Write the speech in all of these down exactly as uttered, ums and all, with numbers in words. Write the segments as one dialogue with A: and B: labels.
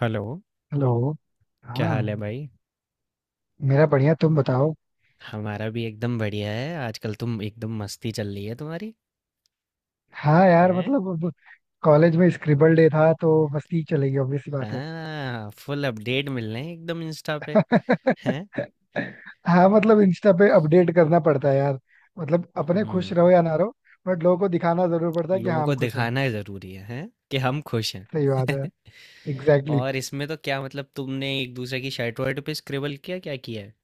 A: Hello,
B: hello.
A: क्या
B: हाँ.
A: हाल है भाई?
B: मेरा बढ़िया, तुम बताओ.
A: हमारा भी एकदम बढ़िया है। आजकल तुम एकदम मस्ती चल रही है तुम्हारी।
B: हाँ यार,
A: हैं?
B: मतलब अब कॉलेज में स्क्रिबल डे था तो मस्ती चलेगी, ऑब्वियस सी बात है.
A: हाँ, फुल अपडेट मिल रहे हैं एकदम इंस्टा पे। हैं?
B: हाँ, मतलब इंस्टा पे अपडेट करना पड़ता है यार. मतलब अपने खुश
A: हम्म,
B: रहो या ना रहो. बट लोगों को दिखाना जरूर पड़ता है कि
A: लोगों
B: हाँ,
A: को
B: हम खुश हैं.
A: दिखाना जरूरी है, हैं? कि हम खुश हैं।
B: सही बात है. Exactly exactly.
A: और इसमें तो क्या मतलब तुमने एक दूसरे की शर्ट वर्ट पे स्क्रिबल किया क्या किया है?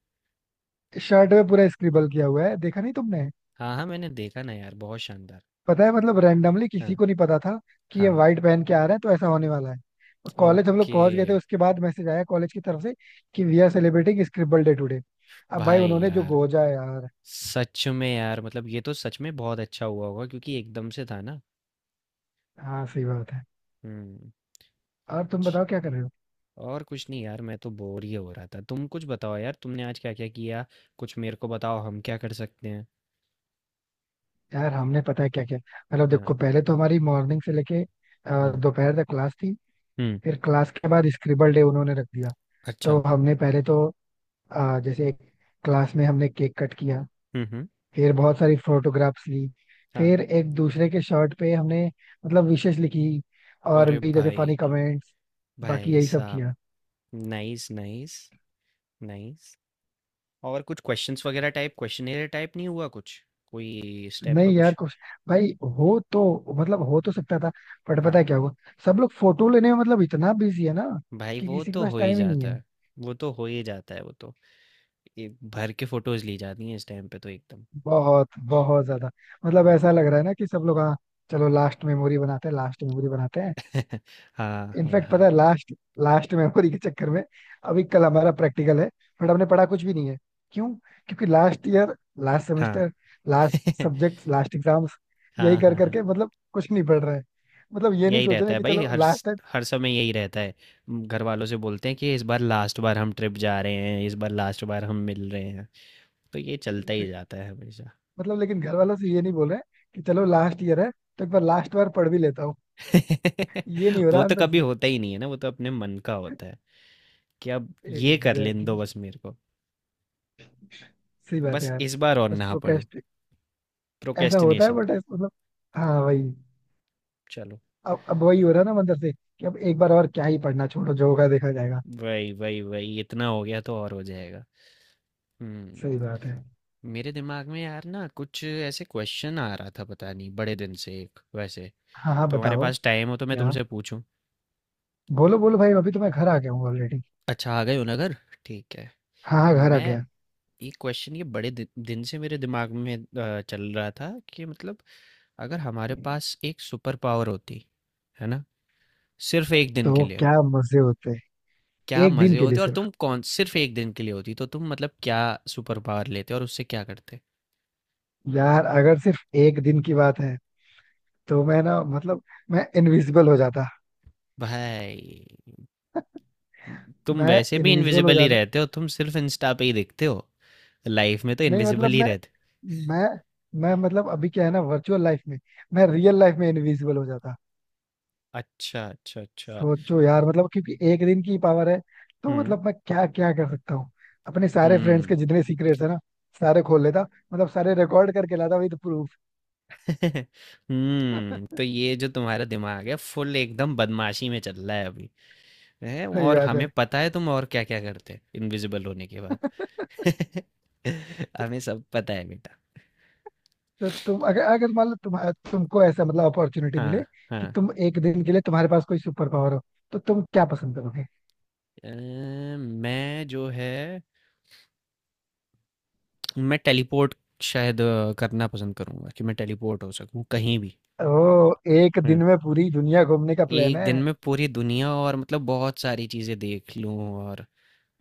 B: शर्ट पे पूरा स्क्रिबल किया हुआ है, देखा नहीं तुमने.
A: हाँ हाँ मैंने देखा ना यार, बहुत शानदार।
B: पता है, मतलब रैंडमली किसी
A: हाँ
B: को नहीं पता था कि ये
A: हाँ
B: व्हाइट पहन के आ रहे हैं तो ऐसा होने वाला है. कॉलेज हम लोग
A: ओके।
B: पहुंच गए थे, उसके बाद मैसेज आया कॉलेज की तरफ से कि we are celebrating scribble day today. अब भाई
A: भाई
B: उन्होंने जो
A: यार,
B: गोजा है यार.
A: सच में यार मतलब ये तो सच में बहुत अच्छा हुआ होगा क्योंकि एकदम से था ना।
B: हाँ, सही बात है.
A: हम्म।
B: और तुम बताओ क्या कर रहे हो.
A: और कुछ नहीं यार मैं तो बोर ही हो रहा था, तुम कुछ बताओ यार, तुमने आज क्या क्या किया? कुछ मेरे को बताओ हम क्या कर सकते हैं।
B: यार हमने, पता है क्या क्या, मतलब
A: हाँ।
B: देखो पहले तो हमारी मॉर्निंग से लेके अ,
A: हाँ।
B: दोपहर तक क्लास थी.
A: हम्म।
B: फिर क्लास के बाद स्क्रिबल डे उन्होंने रख दिया. तो
A: अच्छा।
B: हमने पहले तो अ, जैसे क्लास में हमने केक कट किया.
A: हम्म। हम्म।
B: फिर बहुत सारी फोटोग्राफ्स ली.
A: हाँ।
B: फिर एक दूसरे के शर्ट पे हमने मतलब विशेष लिखी, और
A: अरे
B: भी जैसे
A: भाई,
B: फनी कमेंट्स. बाकी
A: भाई
B: यही सब
A: साहब।
B: किया.
A: Nice nice nice. और कुछ क्वेश्चंस वगैरह टाइप, क्वेश्चनेयर टाइप नहीं हुआ कुछ? कोई इस टाइप का
B: नहीं यार,
A: कुछ?
B: कुछ भाई हो तो, मतलब हो तो सकता था. बट पता
A: हाँ।
B: है क्या हुआ. सब लोग फोटो लेने में मतलब इतना बिजी है ना,
A: भाई
B: कि
A: वो
B: किसी के
A: तो
B: पास
A: हो ही
B: टाइम ही नहीं
A: जाता
B: है.
A: है, वो तो हो ही जाता है। वो तो, ये भर के फोटोज ली जाती हैं इस टाइम पे तो एकदम।
B: बहुत बहुत ज्यादा. मतलब
A: हम्म।
B: ऐसा लग रहा है ना कि सब लोग, हाँ, चलो लास्ट मेमोरी बनाते हैं, लास्ट मेमोरी बनाते हैं.
A: हाँ हाँ
B: इनफैक्ट
A: हाँ
B: पता है, लास्ट लास्ट मेमोरी के चक्कर में अभी कल हमारा प्रैक्टिकल है, बट हमने पढ़ा कुछ भी नहीं है. क्यों? क्योंकि लास्ट ईयर, लास्ट
A: हाँ।
B: Semester, last subject, last exams,
A: हाँ
B: यही कर
A: हाँ हाँ हाँ।
B: करके मतलब कुछ नहीं पढ़ रहे हैं. मतलब ये नहीं
A: यही
B: सोच
A: रहता
B: रहे
A: है
B: कि
A: भाई
B: चलो
A: हर स-
B: लास्ट टाइम.
A: हर समय यही रहता है। म, घर वालों से बोलते हैं कि इस बार लास्ट बार हम ट्रिप जा रहे हैं, इस बार लास्ट बार हम मिल रहे हैं। तो ये चलता ही जाता है हमेशा।
B: मतलब लेकिन घर वालों से ये नहीं बोल रहे कि चलो लास्ट ईयर है तो एक बार लास्ट बार पढ़ भी लेता हूँ. ये नहीं हो
A: वो
B: रहा
A: तो
B: अंदर
A: कभी
B: से.
A: होता ही नहीं है ना, वो तो अपने मन का होता है कि अब ये कर लेने दो
B: एग्जैक्टली.
A: बस मेरे को।
B: सही बात है
A: बस
B: यार.
A: इस बार और
B: बस
A: ना पड़ो।
B: प्रोक्रेस्ट. ऐसा होता है
A: प्रोक्रेस्टिनेशन।
B: बट मतलब, हाँ भाई.
A: चलो।
B: अब अब वही हो रहा है ना मंदिर से कि अब एक बार और क्या ही पढ़ना, छोड़ो जो होगा देखा जाएगा.
A: वही वही वही, इतना हो गया तो और हो जाएगा। हम्म।
B: सही बात है.
A: मेरे दिमाग में यार ना कुछ ऐसे क्वेश्चन आ रहा था पता नहीं बड़े दिन से, एक वैसे।
B: हाँ हाँ,
A: तुम्हारे
B: बताओ.
A: पास टाइम हो तो मैं
B: क्या?
A: तुमसे पूछूं?
B: बोलो बोलो भाई, अभी तो मैं घर आ गया हूँ ऑलरेडी.
A: अच्छा आ गए हो ना घर? ठीक है।
B: हाँ हाँ, घर आ
A: मैं
B: गया.
A: ये क्वेश्चन, ये बड़े दि दिन से मेरे दिमाग में अ, चल रहा था कि मतलब अगर हमारे पास एक सुपर पावर होती, है ना, सिर्फ एक दिन के
B: तो
A: लिए।
B: क्या मजे होते हैं.
A: क्या
B: एक दिन
A: मज़े
B: के लिए
A: होते? और
B: सिर्फ.
A: तुम कौन सिर्फ एक दिन के लिए होती तो तुम मतलब क्या सुपर पावर लेते और उससे क्या करते?
B: यार अगर सिर्फ एक दिन की बात है, तो मैं ना, मतलब मैं इनविजिबल हो जाता.
A: भाई तुम
B: मैं
A: वैसे भी
B: इनविजिबल हो
A: इनविजिबल ही
B: जाता.
A: रहते हो, तुम सिर्फ इंस्टा पे ही दिखते हो, लाइफ में तो
B: नहीं
A: इनविजिबल
B: मतलब
A: ही
B: मैं
A: रहते।
B: मैं मैं मतलब अभी क्या है ना, वर्चुअल लाइफ में मैं रियल लाइफ में इनविजिबल हो जाता.
A: अच्छा अच्छा अच्छा।
B: सोचो यार, मतलब क्योंकि एक दिन की पावर है तो
A: हम्म
B: मतलब मैं क्या क्या कर सकता हूँ. अपने सारे फ्रेंड्स के
A: हम्म।
B: जितने सीक्रेट्स है ना, सारे खोल लेता. मतलब सारे रिकॉर्ड करके लाता विद प्रूफ.
A: हम्म तो ये जो तुम्हारा दिमाग है फुल एकदम बदमाशी में चल रहा है अभी है,
B: सही
A: और
B: बात
A: हमें
B: है.
A: पता है तुम और क्या क्या करते इनविजिबल होने के बाद। हमें सब पता है बेटा।
B: तो तुम, अगर अगर मान लो तुम, तुमको ऐसा मतलब अपॉर्चुनिटी मिले
A: हाँ
B: कि
A: हाँ।
B: तुम एक दिन के लिए, तुम्हारे पास कोई सुपर पावर हो, तो तुम क्या पसंद करोगे.
A: अ, मैं जो है, मैं टेलीपोर्ट शायद अ, करना पसंद करूंगा कि मैं टेलीपोर्ट हो सकूं कहीं भी।
B: ओ, एक
A: हुँ।
B: दिन में पूरी दुनिया घूमने का प्लान
A: एक
B: है.
A: दिन में पूरी दुनिया, और मतलब बहुत सारी चीज़ें देख लूँ। और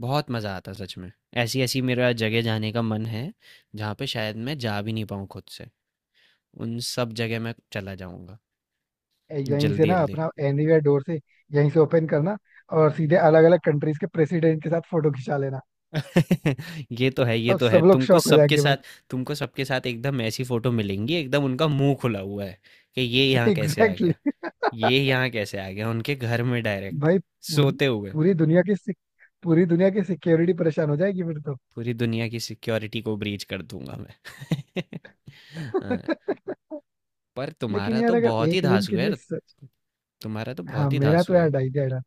A: बहुत मज़ा आता सच में। ऐसी-ऐसी मेरा जगह जाने का मन है, जहाँ पे शायद मैं जा भी नहीं पाऊँ खुद से। उन सब जगह मैं चला जाऊँगा,
B: यहीं से ना
A: जल्दी-जल्दी।
B: अपना एनीवेयर डोर से, यहीं से ओपन करना और सीधे अलग अलग कंट्रीज के प्रेसिडेंट के साथ फोटो खिंचा लेना.
A: ये तो है, ये
B: अब
A: तो है।
B: सब लोग
A: तुमको
B: शॉक हो
A: सबके
B: जाएंगे भाई.
A: साथ तुमको सबके साथ एकदम ऐसी फ़ोटो मिलेंगी, एकदम उनका मुँह खुला हुआ है कि ये यहाँ कैसे आ
B: एग्जैक्टली
A: गया?
B: exactly.
A: ये यहाँ कैसे आ गया? उनके घर में डायरेक्ट,
B: भाई पूरी
A: सोते हुए।
B: पूरी दुनिया की सिक- पूरी दुनिया की सिक्योरिटी परेशान हो जाएगी फिर तो.
A: पूरी दुनिया की सिक्योरिटी को ब्रीच कर दूँगा मैं। हाँ, पर
B: लेकिन
A: तुम्हारा
B: यार
A: तो
B: अगर
A: बहुत ही
B: एक दिन
A: धांसू
B: के
A: है
B: लिए
A: यार,
B: सच.
A: तुम्हारा तो
B: हाँ,
A: बहुत ही
B: मेरा
A: धांसू
B: तो
A: है।
B: यार आइडिया था.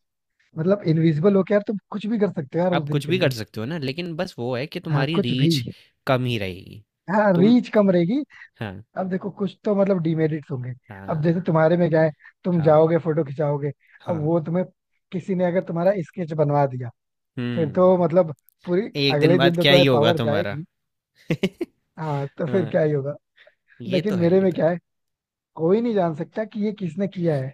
B: मतलब इनविजिबल होके यार तुम कुछ भी कर सकते हो यार उस
A: आप
B: दिन
A: कुछ
B: के
A: भी कर
B: लिए.
A: सकते हो ना, लेकिन बस वो है कि
B: हाँ,
A: तुम्हारी
B: कुछ
A: रीच
B: भी.
A: कम ही रहेगी।
B: हाँ,
A: तुम
B: रीच कम रहेगी.
A: हाँ
B: अब देखो कुछ तो मतलब डिमेरिट्स होंगे. अब जैसे
A: हाँ
B: तुम्हारे में क्या है, तुम
A: हाँ
B: जाओगे फोटो खिंचाओगे, अब
A: हाँ।
B: वो तुम्हें, किसी ने अगर तुम्हारा स्केच बनवा दिया, फिर तो
A: हम्म।
B: मतलब पूरी,
A: एक दिन
B: अगले दिन
A: बाद
B: तो
A: क्या ही
B: तुम्हें
A: होगा
B: पावर
A: तुम्हारा।
B: जाएगी. हाँ, तो फिर
A: हाँ,
B: क्या ही होगा.
A: ये
B: लेकिन
A: तो है,
B: मेरे
A: ये
B: में
A: तो है।
B: क्या है, कोई नहीं जान सकता कि ये किसने किया है.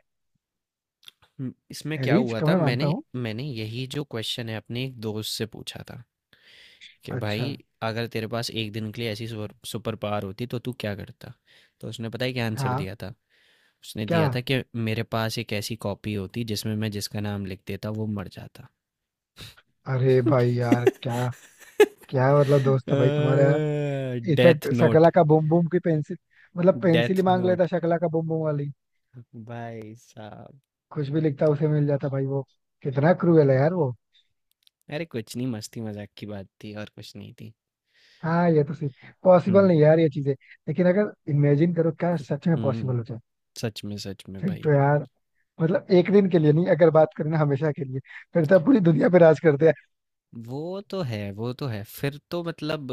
A: हम्म, इसमें क्या
B: रीच
A: हुआ
B: को
A: था,
B: मैं मानता
A: मैंने
B: हूँ.
A: मैंने यही जो क्वेश्चन है अपने एक दोस्त से पूछा था कि
B: अच्छा.
A: भाई अगर तेरे पास एक दिन के लिए ऐसी सुपर सुपर पावर होती तो तू क्या करता, तो उसने पता है क्या आंसर
B: हाँ.
A: दिया था। उसने
B: क्या?
A: दिया था कि मेरे पास एक ऐसी कॉपी होती जिसमें मैं जिसका नाम लिख देता वो मर जाता।
B: अरे भाई यार, क्या? क्या मतलब दोस्त है भाई तुम्हारा यार.
A: Death
B: in fact
A: note.
B: शकला का बूम बूम की पेंसिल, मतलब पेंसिल ही
A: डेथ
B: मांग लेता
A: नोट
B: शकला का बूम बूम वाली.
A: भाई साहब।
B: कुछ भी लिखता उसे मिल जाता भाई वो. कितना क्रूएल है यार वो.
A: अरे कुछ नहीं, मस्ती मजाक की बात थी और कुछ नहीं थी।
B: हाँ, ये तो पॉसिबल
A: हम्म
B: नहीं है यार, ये चीजें. लेकिन अगर इमेजिन करो, क्या सच में पॉसिबल
A: हम्म
B: हो जाए,
A: सच में सच में
B: फिर
A: भाई।
B: तो यार. मतलब एक दिन के लिए नहीं, अगर बात करें ना हमेशा के लिए, फिर तो पूरी दुनिया पे राज करते.
A: वो तो है, वो तो है, फिर तो मतलब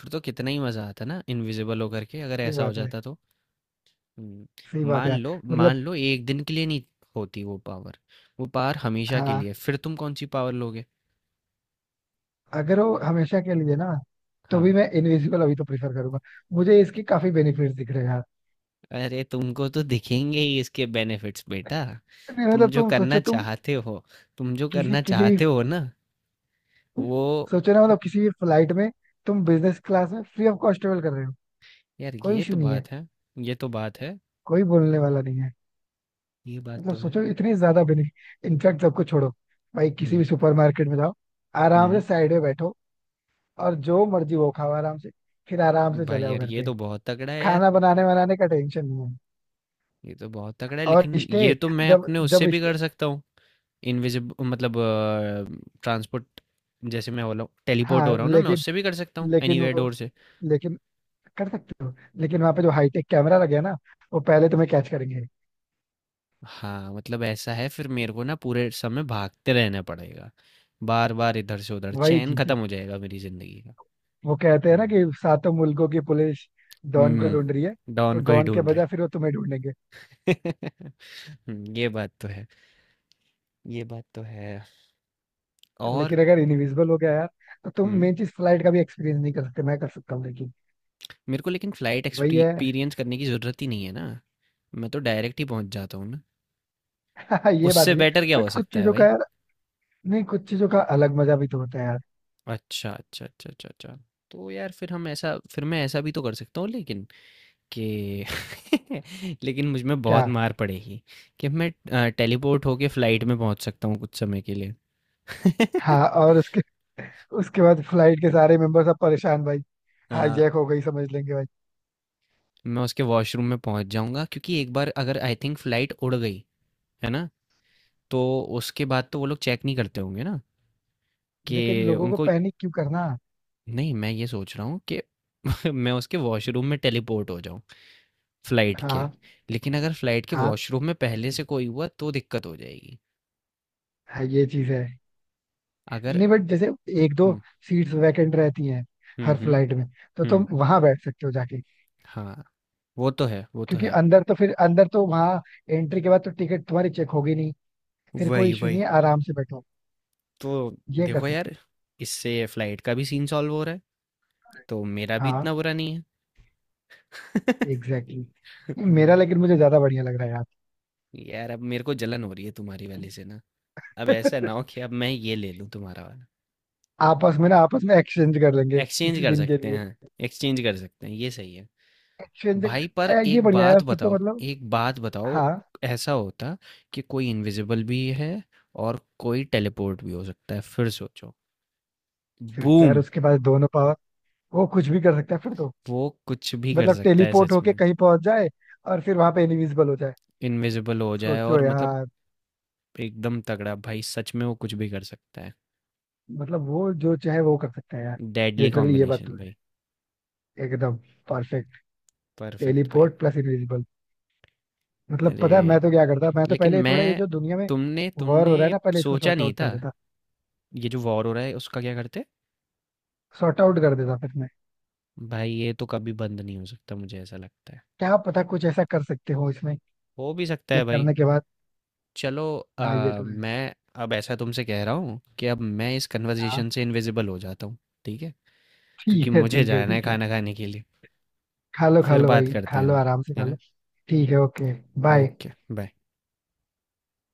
A: फिर तो कितना ही मज़ा आता ना इनविजिबल होकर के, अगर
B: सही
A: ऐसा हो
B: बात है.
A: जाता तो। हम्म,
B: सही बात
A: मान
B: है.
A: लो
B: मतलब
A: मान लो एक दिन के लिए नहीं होती वो पावर, वो पावर हमेशा के
B: हाँ,
A: लिए, फिर तुम कौन सी पावर लोगे?
B: अगर वो हमेशा के लिए ना, तो भी
A: हाँ।
B: मैं इनविजिबल अभी तो प्रेफर करूंगा. मुझे इसके काफी बेनिफिट्स दिख रहे हैं यार.
A: अरे तुमको तो दिखेंगे ही इसके बेनिफिट्स बेटा।
B: नहीं,
A: तुम
B: मतलब
A: जो
B: तुम
A: करना
B: सोचो, तुम
A: चाहते हो, तुम जो
B: किसी,
A: करना
B: किसी भी,
A: चाहते हो ना, वो।
B: सोचो ना, मतलब किसी भी फ्लाइट में तुम बिजनेस क्लास में फ्री ऑफ कॉस्ट ट्रेवल कर रहे हो.
A: यार
B: कोई
A: ये
B: इशू
A: तो
B: नहीं है.
A: बात है, ये तो बात है,
B: कोई बोलने वाला नहीं है.
A: ये बात
B: मतलब
A: तो है।
B: सोचो इतनी ज्यादा बेनिफिट. इनफैक्ट सबको छोड़ो, भाई किसी भी
A: हम्म
B: सुपरमार्केट में जाओ, आराम से
A: हम्म।
B: साइड में बैठो और जो मर्जी वो खाओ आराम से, फिर आराम से
A: भाई
B: चले आओ
A: यार
B: घर
A: ये
B: पे.
A: तो बहुत तगड़ा है यार,
B: खाना बनाने बनाने का टेंशन नहीं है.
A: ये तो बहुत तगड़ा है,
B: और
A: लेकिन
B: स्टे,
A: ये तो मैं
B: जब
A: अपने उससे
B: जब
A: भी
B: स्टे.
A: कर सकता हूँ। इनविजिब मतलब ट्रांसपोर्ट, जैसे मैं हो रहा हूँ टेलीपोर्ट हो
B: हाँ
A: रहा हूँ ना, मैं
B: लेकिन
A: उससे भी कर सकता हूँ
B: लेकिन
A: एनीवेयर
B: वो,
A: डोर से।
B: लेकिन कर सकते हो. लेकिन वहां पे जो हाईटेक कैमरा लगे हैं ना, वो पहले तुम्हें कैच करेंगे.
A: हाँ मतलब ऐसा है, फिर मेरे को ना पूरे समय भागते रहना पड़ेगा। बार बार इधर से उधर,
B: वही
A: चैन
B: चीज है.
A: खत्म हो जाएगा मेरी जिंदगी का।
B: वो कहते हैं ना कि
A: हम्म
B: सातों मुल्कों की पुलिस डॉन को
A: हम्म,
B: ढूंढ रही है, तो
A: डॉन को ही
B: डॉन के
A: ढूंढ रहे।
B: बजाय फिर वो तुम्हें ढूंढेंगे.
A: हम्म, ये बात तो है, ये बात तो है, और।
B: लेकिन अगर इनविजिबल हो गया यार, तो तुम
A: हम्म
B: मेन चीज फ्लाइट का भी एक्सपीरियंस नहीं कर सकते, मैं कर सकता हूँ लेकिन.
A: मेरे को लेकिन फ्लाइट
B: वही है.
A: एक्सपीरियंस करने की जरूरत ही नहीं है ना। मैं तो डायरेक्ट ही पहुंच जाता हूँ।
B: ये बात
A: उससे
B: भी है.
A: बेटर क्या हो
B: बट कुछ
A: सकता है
B: चीजों का
A: भाई?
B: यार, नहीं कुछ चीजों का अलग मजा भी तो होता है यार.
A: अच्छा अच्छा अच्छा अच्छा अच्छा। तो यार फिर हम ऐसा फिर मैं ऐसा भी तो कर सकता हूँ, लेकिन कि लेकिन मुझ में
B: क्या?
A: बहुत मार पड़ेगी कि मैं टेलीपोर्ट होके फ्लाइट में पहुंच सकता हूँ कुछ समय के लिए।
B: हाँ, और उसके उसके बाद फ्लाइट के सारे मेंबर सब परेशान भाई.
A: हाँ,
B: हाईजैक हो गई समझ लेंगे भाई.
A: मैं उसके वॉशरूम में पहुंच जाऊंगा, क्योंकि एक बार अगर आई थिंक फ्लाइट उड़ गई, है ना, तो उसके बाद तो वो लोग चेक नहीं करते होंगे ना
B: लेकिन
A: कि
B: लोगों को
A: उनको।
B: पैनिक क्यों करना.
A: नहीं, मैं ये सोच रहा हूँ कि मैं उसके वॉशरूम में टेलीपोर्ट हो जाऊं, फ्लाइट के।
B: हाँ
A: लेकिन अगर फ्लाइट के
B: हाँ
A: वॉशरूम में पहले से कोई हुआ तो दिक्कत हो जाएगी।
B: हाँ, ये चीज है.
A: अगर
B: नहीं बट जैसे एक दो
A: हुँ,
B: सीट्स वैकेंट रहती हैं
A: हुँ,
B: हर
A: हुँ,
B: फ्लाइट में, तो तुम
A: हुँ,
B: वहां बैठ सकते हो जाके.
A: हाँ, वो तो है, वो तो
B: क्योंकि
A: है।
B: अंदर तो, फिर अंदर तो वहां एंट्री के बाद तो टिकट तुम्हारी चेक होगी नहीं, फिर कोई
A: वही,
B: इशू नहीं
A: वही।
B: है, आराम से बैठो.
A: तो
B: ये कर
A: देखो यार,
B: सकते
A: इससे फ्लाइट का भी सीन सॉल्व हो रहा है, तो मेरा
B: हो.
A: भी इतना
B: हाँ
A: बुरा नहीं है।
B: Exactly exactly. मेरा,
A: हुँ,
B: लेकिन मुझे ज्यादा बढ़िया लग रहा है
A: यार अब मेरे को जलन हो रही है तुम्हारी वाली से ना। अब ऐसा
B: यार.
A: ना हो कि अब मैं ये ले लूँ तुम्हारा वाला।
B: आपस में ना, आपस में एक्सचेंज कर लेंगे
A: एक्सचेंज
B: किसी
A: कर
B: दिन के
A: सकते
B: लिए.
A: हैं, एक्सचेंज कर सकते हैं, ये सही है।
B: एक्सचेंज.
A: भाई पर
B: ये
A: एक
B: बढ़िया है
A: बात
B: फिर तो
A: बताओ,
B: मतलब.
A: एक बात बताओ,
B: हाँ,
A: ऐसा होता कि कोई इनविजिबल भी है और कोई टेलीपोर्ट भी हो सकता है, फिर सोचो।
B: फिर तो
A: बूम।
B: यार उसके पास दोनों पावर, वो कुछ भी कर सकता है फिर तो.
A: वो कुछ भी कर
B: मतलब
A: सकता है
B: टेलीपोर्ट
A: सच
B: होके
A: में।
B: कहीं पहुंच जाए, और फिर वहां पे इनविजिबल हो जाए.
A: इनविजिबल हो जाए और
B: सोचो
A: मतलब,
B: यार.
A: एकदम तगड़ा भाई, सच में वो कुछ भी कर सकता है।
B: मतलब वो जो चाहे वो कर सकता है यार.
A: डेडली
B: लिटरली, ये बात तो
A: कॉम्बिनेशन भाई।
B: है एकदम. परफेक्ट.
A: परफेक्ट भाई।
B: Teleport plus invisible. मतलब पता है
A: अरे
B: मैं तो क्या करता, मैं तो
A: लेकिन
B: पहले थोड़ा ये
A: मैं
B: जो दुनिया में
A: तुमने
B: वॉर हो
A: तुमने
B: रहा है ना, पहले इसको
A: सोचा
B: सॉर्ट
A: नहीं
B: आउट
A: था,
B: कर देता.
A: ये जो वॉर हो रहा है उसका क्या करते?
B: सॉर्ट आउट कर देता फिर मैं.
A: भाई ये तो कभी बंद नहीं हो सकता, मुझे ऐसा लगता है।
B: क्या पता कुछ ऐसा कर सकते हो इसमें,
A: हो भी सकता
B: ये
A: है भाई।
B: करने के बाद.
A: चलो।
B: हाँ, ये
A: अ,
B: तो है.
A: मैं, अब ऐसा तुमसे कह रहा हूँ कि अब मैं इस
B: हाँ.
A: कन्वर्सेशन से इनविजिबल हो जाता हूँ। ठीक है? क्योंकि
B: ठीक है,
A: मुझे
B: ठीक है,
A: जाना है
B: ठीक है.
A: खाना खाने के लिए।
B: खा लो खा
A: फिर
B: लो
A: बात
B: भाई,
A: करते
B: खा
A: हैं
B: लो
A: हम,
B: आराम से
A: है
B: खा लो.
A: ना?
B: ठीक है. Okay, bye.
A: Okay bye.